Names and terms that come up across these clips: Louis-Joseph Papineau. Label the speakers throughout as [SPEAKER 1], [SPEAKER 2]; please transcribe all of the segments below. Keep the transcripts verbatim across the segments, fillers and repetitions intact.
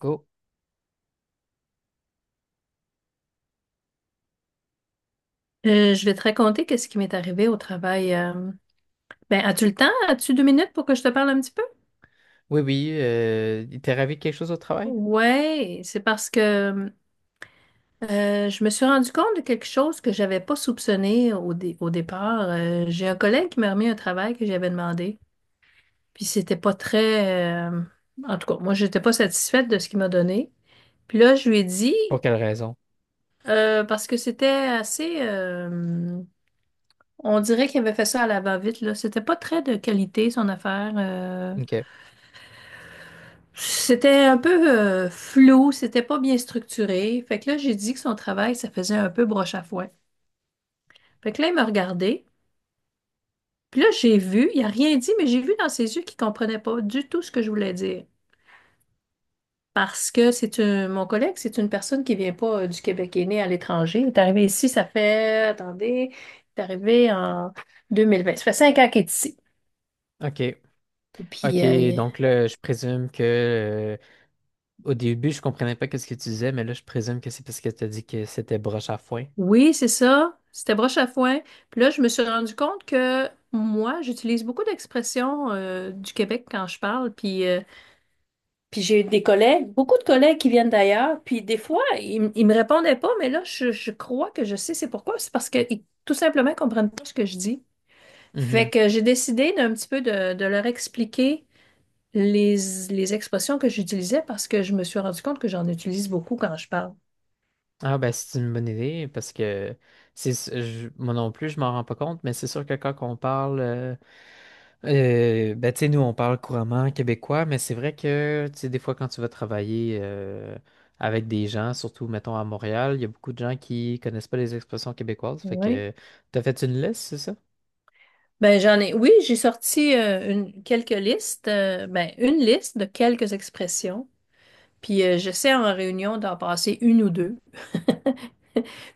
[SPEAKER 1] Go.
[SPEAKER 2] Euh, je vais te raconter qu'est-ce qui m'est arrivé au travail. euh. Ben, as-tu le temps? As-tu deux minutes pour que je te parle un petit peu?
[SPEAKER 1] Oui, oui, euh, il t'est arrivé quelque chose au travail?
[SPEAKER 2] Ouais, c'est parce que euh, je me suis rendu compte de quelque chose que j'avais pas soupçonné au, dé- au départ. Euh, j'ai un collègue qui m'a remis un travail que j'avais demandé, puis c'était pas très, euh, En tout cas, moi j'étais pas satisfaite de ce qu'il m'a donné. Puis là, je lui ai dit
[SPEAKER 1] Pour quelle raison?
[SPEAKER 2] euh, parce que c'était assez, euh, On dirait qu'il avait fait ça à la va-vite là. C'était pas très de qualité son affaire. euh,
[SPEAKER 1] OK.
[SPEAKER 2] C'était un peu euh, flou, c'était pas bien structuré. Fait que là, j'ai dit que son travail, ça faisait un peu broche à foin. Fait que là, il m'a regardé. Puis là, j'ai vu, il a rien dit, mais j'ai vu dans ses yeux qu'il comprenait pas du tout ce que je voulais dire. Parce que c'est un- mon collègue, c'est une personne qui vient pas euh, du Québec, qui est née à l'étranger. Il est arrivé ici, ça fait, attendez, il est arrivé en deux mille vingt. Ça fait cinq ans qu'il est ici.
[SPEAKER 1] OK.
[SPEAKER 2] Puis
[SPEAKER 1] OK.
[SPEAKER 2] euh,
[SPEAKER 1] Donc là, je présume que euh, au début, je comprenais pas ce que tu disais, mais là, je présume que c'est parce que tu as dit que c'était broche à foin.
[SPEAKER 2] oui, c'est ça. C'était broche à foin. Puis là, je me suis rendu compte que moi, j'utilise beaucoup d'expressions euh, du Québec quand je parle. Puis, euh, puis j'ai des collègues, beaucoup de collègues qui viennent d'ailleurs. Puis des fois, ils, m- ils me répondaient pas, mais là, je, je crois que je sais c'est pourquoi. C'est parce qu'ils tout simplement ils comprennent pas ce que je dis. Fait
[SPEAKER 1] Mhm.
[SPEAKER 2] que j'ai décidé d'un petit peu de, de leur expliquer les, les expressions que j'utilisais parce que je me suis rendu compte que j'en utilise beaucoup quand je parle.
[SPEAKER 1] Ah ben c'est une bonne idée parce que c'est je- moi non plus je m'en rends pas compte, mais c'est sûr que quand on parle euh, euh, ben tu sais, nous on parle couramment québécois, mais c'est vrai que tu sais, des fois quand tu vas travailler euh, avec des gens, surtout mettons à Montréal, il y a beaucoup de gens qui connaissent pas les expressions québécoises, fait
[SPEAKER 2] Oui.
[SPEAKER 1] que t'as fait une liste, c'est ça?
[SPEAKER 2] Ben, j'en ai, oui, j'ai sorti euh, une, quelques listes, euh, ben, une liste de quelques expressions. Puis euh, j'essaie en réunion d'en passer une ou deux.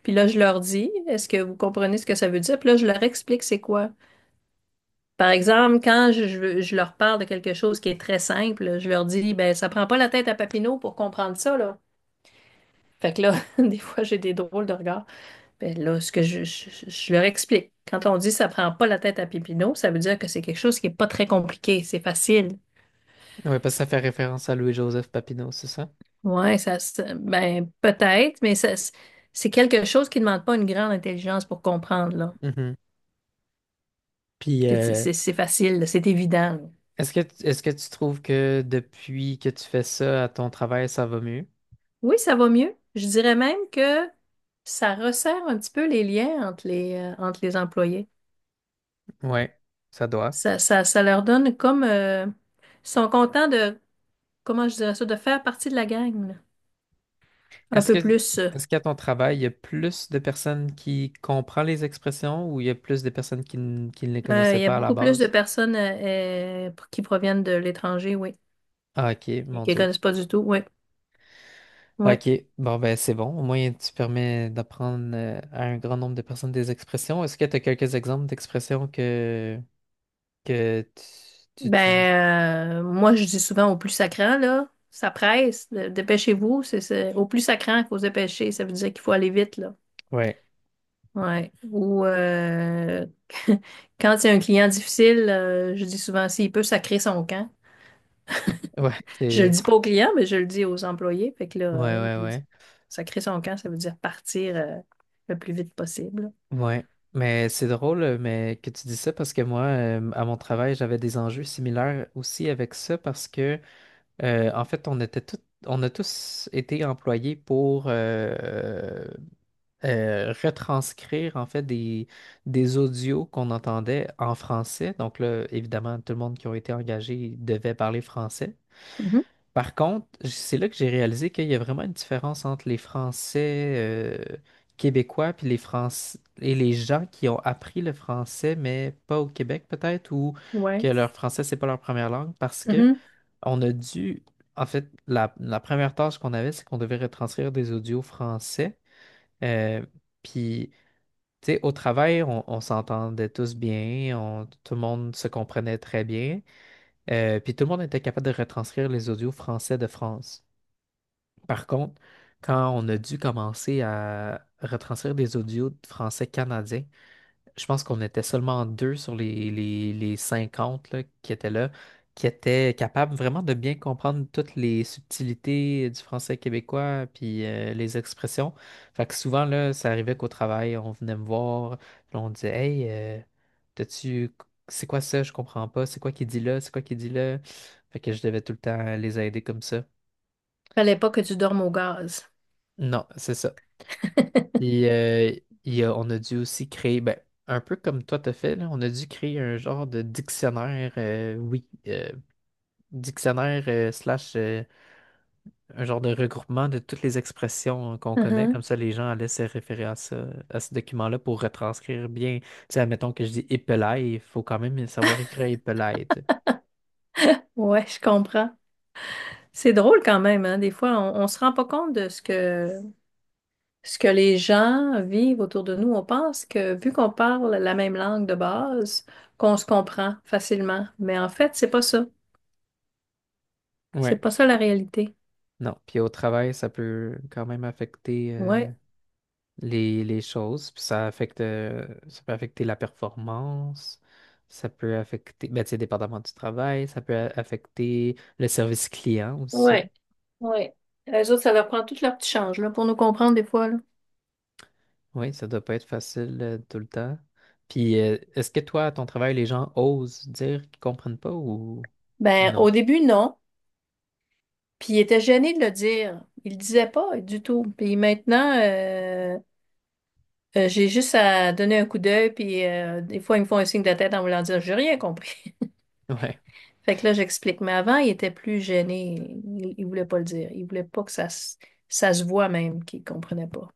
[SPEAKER 2] Puis là, je leur dis, est-ce que vous comprenez ce que ça veut dire? Puis là, je leur explique c'est quoi. Par exemple, quand je, je- je leur parle de quelque chose qui est très simple, je leur dis, ben, ça prend pas la tête à Papineau pour comprendre ça, là. Fait que là, des fois, j'ai des drôles de regards. Ben là, ce que je, je- je leur explique. Quand on dit ça prend pas la tête à Papineau, ça veut dire que c'est quelque chose qui est pas très compliqué, c'est facile.
[SPEAKER 1] Ouais, parce que ça fait référence à Louis-Joseph Papineau, c'est ça?
[SPEAKER 2] Ouais, ça, se- ben, peut-être, mais ça, c'est quelque chose qui demande pas une grande intelligence pour comprendre, là.
[SPEAKER 1] Mhm. Puis
[SPEAKER 2] C'est
[SPEAKER 1] euh,
[SPEAKER 2] c'est- c'est facile, là, c'est évident. Là.
[SPEAKER 1] est-ce que est-ce que tu trouves que depuis que tu fais ça à ton travail, ça va mieux?
[SPEAKER 2] Oui, ça va mieux. Je dirais même que ça resserre un petit peu les liens entre les, euh, entre les employés.
[SPEAKER 1] Ouais, ça doit.
[SPEAKER 2] Ça, ça, ça leur donne comme... euh, ils sont contents de, comment je dirais ça, de faire partie de la gang, là. Un
[SPEAKER 1] Est-ce que,
[SPEAKER 2] peu plus. euh.
[SPEAKER 1] est-ce qu'à ton travail, il y a plus de personnes qui comprennent les expressions, ou il y a plus de personnes qui, n- qui ne les
[SPEAKER 2] Euh,
[SPEAKER 1] connaissaient
[SPEAKER 2] il y a
[SPEAKER 1] pas à la
[SPEAKER 2] beaucoup plus de
[SPEAKER 1] base?
[SPEAKER 2] personnes euh, euh, qui proviennent de l'étranger, oui,
[SPEAKER 1] Ah, OK,
[SPEAKER 2] et
[SPEAKER 1] mon
[SPEAKER 2] qui ne
[SPEAKER 1] Dieu.
[SPEAKER 2] connaissent pas du tout, oui, oui.
[SPEAKER 1] OK, bon, ben c'est bon. Au moins, tu permets d'apprendre euh, à un grand nombre de personnes des expressions. Est-ce que tu as quelques exemples d'expressions que, que tu, tu, tu-
[SPEAKER 2] Ben, euh, moi, je dis souvent au plus sacrant, là, ça presse, dépêchez-vous, c'est, c'est- au plus sacrant, il faut se dépêcher, ça veut dire qu'il faut aller vite, là.
[SPEAKER 1] Ouais,
[SPEAKER 2] Ouais. Ou euh, quand il y a un client difficile, euh, je dis souvent, s'il peut sacrer son camp.
[SPEAKER 1] ouais,
[SPEAKER 2] Je le
[SPEAKER 1] c'est.
[SPEAKER 2] dis pas aux clients, mais je le dis aux employés. Fait que là,
[SPEAKER 1] Ouais,
[SPEAKER 2] euh, je
[SPEAKER 1] ouais,
[SPEAKER 2] lui dis,
[SPEAKER 1] ouais.
[SPEAKER 2] sacrer son camp, ça veut dire partir euh, le plus vite possible.
[SPEAKER 1] Ouais, mais c'est drôle euh, mais que tu dis ça, parce que moi, euh, à mon travail, j'avais des enjeux similaires aussi avec ça, parce que, euh, en fait, on était tout- on a tous été employés pour euh, euh, retranscrire, en fait, des, des audios qu'on entendait en français. Donc là, évidemment, tout le monde qui a été engagé devait parler français.
[SPEAKER 2] Mhm.
[SPEAKER 1] Par contre, j- c'est là que j'ai réalisé qu'il y a vraiment une différence entre les Français euh, québécois, puis les Français et les gens qui ont appris le français, mais pas au Québec peut-être, ou que
[SPEAKER 2] Ouais.
[SPEAKER 1] leur français, c'est pas leur première langue, parce que
[SPEAKER 2] Mhm.
[SPEAKER 1] on a dû, en fait, la, la première tâche qu'on avait, c'est qu'on devait retranscrire des audios français. euh, puis, Tu sais, au travail, on, on s'entendait tous bien, on- tout le monde se comprenait très bien, euh, puis tout le monde était capable de retranscrire les audios français de France. Par contre, quand on a dû commencer à retranscrire des audios de français canadien, je pense qu'on était seulement deux sur les, les, les cinquante là, qui étaient là, qui étaient capables vraiment de bien comprendre toutes les subtilités du français québécois, puis euh, les expressions. Fait que souvent, là, ça arrivait qu'au travail, on venait me voir, puis on disait, « Hey, euh, t'as-tu. C'est quoi ça? Je comprends pas. C'est quoi qui dit là? C'est quoi qui dit là? » Fait que je devais tout le temps les aider comme ça.
[SPEAKER 2] Fallait pas que tu dormes au gaz.
[SPEAKER 1] Non, c'est ça. Et, euh, et, euh, on a dû aussi créer, ben, un peu comme toi t'as fait, là, on a dû créer un genre de dictionnaire, euh, oui, euh, dictionnaire euh, slash, euh, un genre de regroupement de toutes les expressions qu'on connaît. Comme
[SPEAKER 2] Mhm.
[SPEAKER 1] ça, les gens allaient se référer à ça, à ce document-là, pour retranscrire bien. Tu sais, admettons que je dis épelaye, il faut quand même savoir écrire épelaye, tu
[SPEAKER 2] Ouais, je comprends. C'est drôle quand même, hein. Des fois, on, on se rend pas compte de ce que ce que les gens vivent autour de nous. On pense que vu qu'on parle la même langue de base, qu'on se comprend facilement. Mais en fait, c'est pas ça.
[SPEAKER 1] sais.
[SPEAKER 2] C'est
[SPEAKER 1] Ouais.
[SPEAKER 2] pas ça la réalité.
[SPEAKER 1] Non. Puis au travail, ça peut quand même affecter, euh,
[SPEAKER 2] Ouais.
[SPEAKER 1] les, les choses, puis ça affecte, euh, ça peut affecter la performance, ça peut affecter, ben, tu sais, dépendamment du travail, ça peut a- affecter le service client aussi.
[SPEAKER 2] Ouais. Ouais. Les autres, ça leur prend tout leur petit change, là, pour nous comprendre des fois, là.
[SPEAKER 1] Oui, ça doit pas être facile euh, tout le temps. Puis, euh, est-ce que toi, à ton travail, les gens osent dire qu'ils comprennent pas, ou, ou
[SPEAKER 2] Ben,
[SPEAKER 1] non?
[SPEAKER 2] au début, non. Puis il était gêné de le dire. Il le disaient pas du tout. Puis maintenant, euh, euh, j'ai juste à donner un coup d'œil, puis euh, des fois, ils me font un signe de tête en voulant dire, j'ai rien compris.
[SPEAKER 1] Ouais,
[SPEAKER 2] Fait que là, j'explique. Mais avant, il était plus gêné. Il, il voulait pas le dire. Il voulait pas que ça se, ça se voit même qu'il comprenait pas.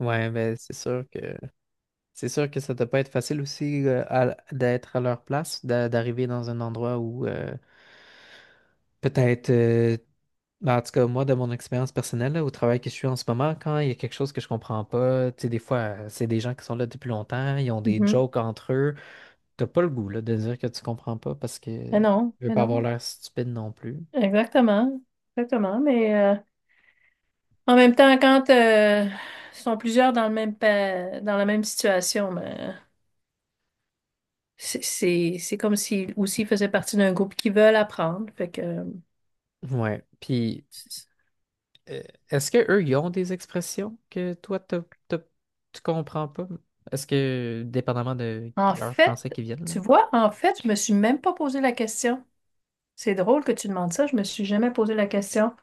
[SPEAKER 1] ouais, ben, c'est sûr que c'est sûr que ça doit pas être facile aussi, euh, à- d'être à leur place, d'a- d'arriver dans un endroit où euh, Peut-être euh, Ben, en tout cas, moi, de mon expérience personnelle, là, au travail que je suis en ce moment, quand il y a quelque chose que je comprends pas, tu sais, des fois, euh, c'est des gens qui sont là depuis longtemps, ils ont des
[SPEAKER 2] Mhm.
[SPEAKER 1] jokes entre eux. T'as pas le goût, là, de dire que tu comprends pas, parce que
[SPEAKER 2] Mais
[SPEAKER 1] tu
[SPEAKER 2] non,
[SPEAKER 1] veux
[SPEAKER 2] mais
[SPEAKER 1] pas avoir
[SPEAKER 2] non.
[SPEAKER 1] l'air stupide non plus.
[SPEAKER 2] Exactement. Exactement. Mais euh, en même temps, quand euh, ils sont plusieurs dans le même pa- dans la même situation, ben, c'est c'est- c'est comme s'ils aussi faisaient partie d'un groupe qui veulent apprendre. Fait que euh,
[SPEAKER 1] Ouais. Puis.
[SPEAKER 2] c'est-
[SPEAKER 1] Euh, Est-ce que eux, ils ont des expressions que toi, t'as- t'as- tu comprends pas? Est-ce que, dépendamment de
[SPEAKER 2] en
[SPEAKER 1] leur
[SPEAKER 2] fait,
[SPEAKER 1] français qui viennent,
[SPEAKER 2] tu
[SPEAKER 1] là?
[SPEAKER 2] vois, en fait, je me suis même pas posé la question. C'est drôle que tu demandes ça, je me suis jamais posé la question.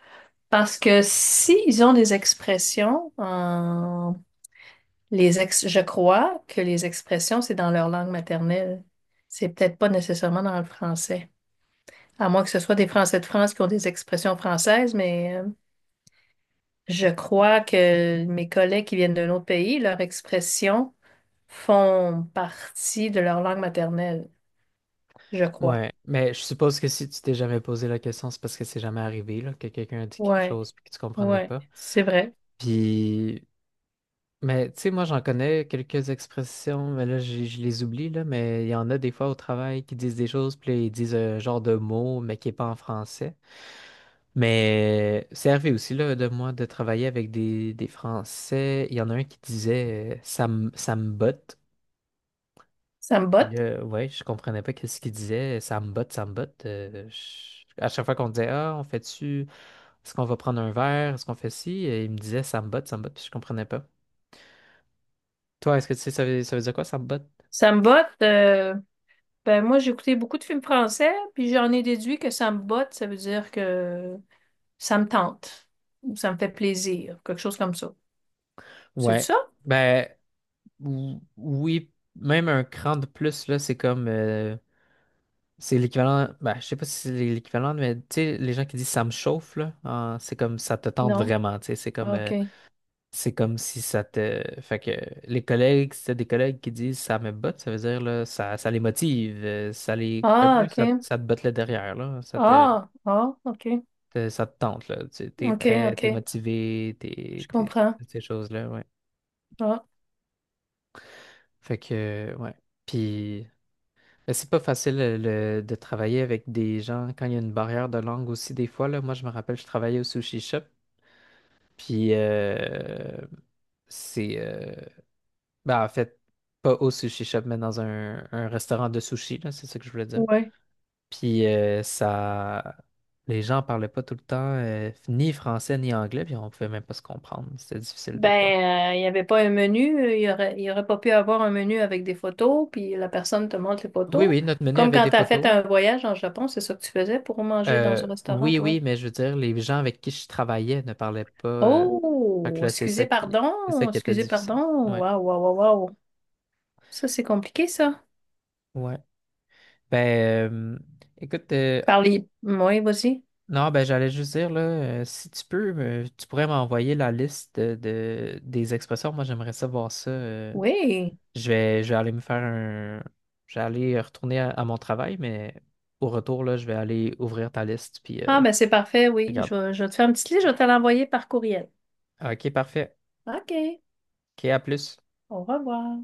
[SPEAKER 2] Parce que s'ils ont des expressions, euh, les ex- je crois que les expressions, c'est dans leur langue maternelle. C'est peut-être pas nécessairement dans le français. À moins que ce soit des Français de France qui ont des expressions françaises, mais euh, je crois que mes collègues qui viennent d'un autre pays, leurs expressions font partie de leur langue maternelle, je crois.
[SPEAKER 1] Ouais, mais je suppose que si tu t'es jamais posé la question, c'est parce que c'est jamais arrivé, là, que quelqu'un a dit quelque
[SPEAKER 2] Ouais,
[SPEAKER 1] chose puis que tu comprenais
[SPEAKER 2] ouais,
[SPEAKER 1] pas.
[SPEAKER 2] c'est vrai.
[SPEAKER 1] Puis. Mais tu sais, moi, j'en connais quelques expressions, mais là, j'ai- je les oublie, là, mais il y en a des fois au travail qui disent des choses, puis là, ils disent un genre de mot, mais qui n'est pas en français. Mais c'est arrivé aussi, là, de moi, de travailler avec des, des Français. Il y en a un qui disait euh, ça me, ça me botte.
[SPEAKER 2] Ça me
[SPEAKER 1] Et
[SPEAKER 2] botte.
[SPEAKER 1] là, ouais, je comprenais pas qu'est-ce qu'il disait. Ça me botte, ça me botte. Euh, je- À chaque fois qu'on disait, ah, on fait-tu, est-ce qu'on va prendre un verre, est-ce qu'on fait ci, et il me disait, ça me botte, ça me botte, puis je comprenais pas. Toi, est-ce que tu sais, ça veut, ça veut, dire quoi, ça me botte?
[SPEAKER 2] Ça me botte. euh, Ben moi, j'ai écouté beaucoup de films français, puis j'en ai déduit que ça me botte, ça veut dire que ça me tente, ou ça me fait plaisir, quelque chose comme ça. C'est
[SPEAKER 1] Ouais.
[SPEAKER 2] ça?
[SPEAKER 1] Ben, ou- oui, même un cran de plus, là, c'est comme, euh, c'est l'équivalent. Ben, je sais pas si c'est l'équivalent, mais tu sais, les gens qui disent ça me chauffe, là, en- c'est comme, ça te tente
[SPEAKER 2] Non.
[SPEAKER 1] vraiment, tu sais. C'est comme, euh,
[SPEAKER 2] OK.
[SPEAKER 1] c'est comme si ça te. Fait que les collègues, si t'as des collègues qui disent ça me botte, ça veut dire, là, ça, ça les motive, euh, ça les. Un
[SPEAKER 2] Ah,
[SPEAKER 1] peu, ça,
[SPEAKER 2] OK.
[SPEAKER 1] ça te botte le derrière, là. Ça te,
[SPEAKER 2] Ah, ah, OK.
[SPEAKER 1] te- ça te tente, là. Tu es
[SPEAKER 2] OK,
[SPEAKER 1] prêt, t'es
[SPEAKER 2] OK.
[SPEAKER 1] motivé, t'es,
[SPEAKER 2] Je
[SPEAKER 1] t'es-
[SPEAKER 2] comprends.
[SPEAKER 1] toutes ces choses-là, ouais.
[SPEAKER 2] Ah,
[SPEAKER 1] Fait que, ouais. Puis. Mais c'est pas facile, euh, le- de travailler avec des gens quand il y a une barrière de langue aussi, des fois là. Moi, je me rappelle, je travaillais au sushi shop, puis euh, c'est euh, ben, en fait, pas au sushi shop, mais dans un, un restaurant de sushi, là, c'est ça que je voulais dire.
[SPEAKER 2] ouais.
[SPEAKER 1] Puis euh, Ça, les gens parlaient pas tout le temps, euh, ni français ni anglais, puis on pouvait même pas se comprendre. C'était difficile des fois.
[SPEAKER 2] Ben, euh, il n'y avait pas un menu, euh, il y aurait, il y aurait pas pu avoir un menu avec des photos, puis la personne te montre les
[SPEAKER 1] Oui,
[SPEAKER 2] photos.
[SPEAKER 1] oui, notre menu
[SPEAKER 2] Comme
[SPEAKER 1] avait
[SPEAKER 2] quand
[SPEAKER 1] des
[SPEAKER 2] tu as fait
[SPEAKER 1] photos.
[SPEAKER 2] un voyage en Japon, c'est ça que tu faisais pour manger dans
[SPEAKER 1] Euh,
[SPEAKER 2] un restaurant,
[SPEAKER 1] oui,
[SPEAKER 2] toi.
[SPEAKER 1] oui, mais je veux dire, les gens avec qui je travaillais ne parlaient pas. euh, Fait
[SPEAKER 2] Oh,
[SPEAKER 1] que là, c'est ça
[SPEAKER 2] excusez,
[SPEAKER 1] qui, c'est ça
[SPEAKER 2] pardon,
[SPEAKER 1] qui était
[SPEAKER 2] excusez,
[SPEAKER 1] difficile.
[SPEAKER 2] pardon.
[SPEAKER 1] Ouais,
[SPEAKER 2] Waouh, waouh, waouh, waouh. Ça, c'est compliqué, ça.
[SPEAKER 1] ouais. Ben, euh, Écoute, euh,
[SPEAKER 2] Parlez. Oui, vas-y.
[SPEAKER 1] non, ben, j'allais juste dire, là, euh, si tu peux, me- tu pourrais m'envoyer la liste de, de- des expressions. Moi, j'aimerais ça voir ça. euh.
[SPEAKER 2] Oui.
[SPEAKER 1] je vais, je vais aller me faire un. Je vais aller retourner à, à mon travail, mais au retour, là, je vais aller ouvrir ta liste, puis euh,
[SPEAKER 2] Ah, ben, c'est parfait, oui. Je
[SPEAKER 1] regarder.
[SPEAKER 2] vais, je vais te faire une petite liste, je vais te l'envoyer par courriel.
[SPEAKER 1] OK, parfait.
[SPEAKER 2] OK.
[SPEAKER 1] OK, à plus.
[SPEAKER 2] Au revoir.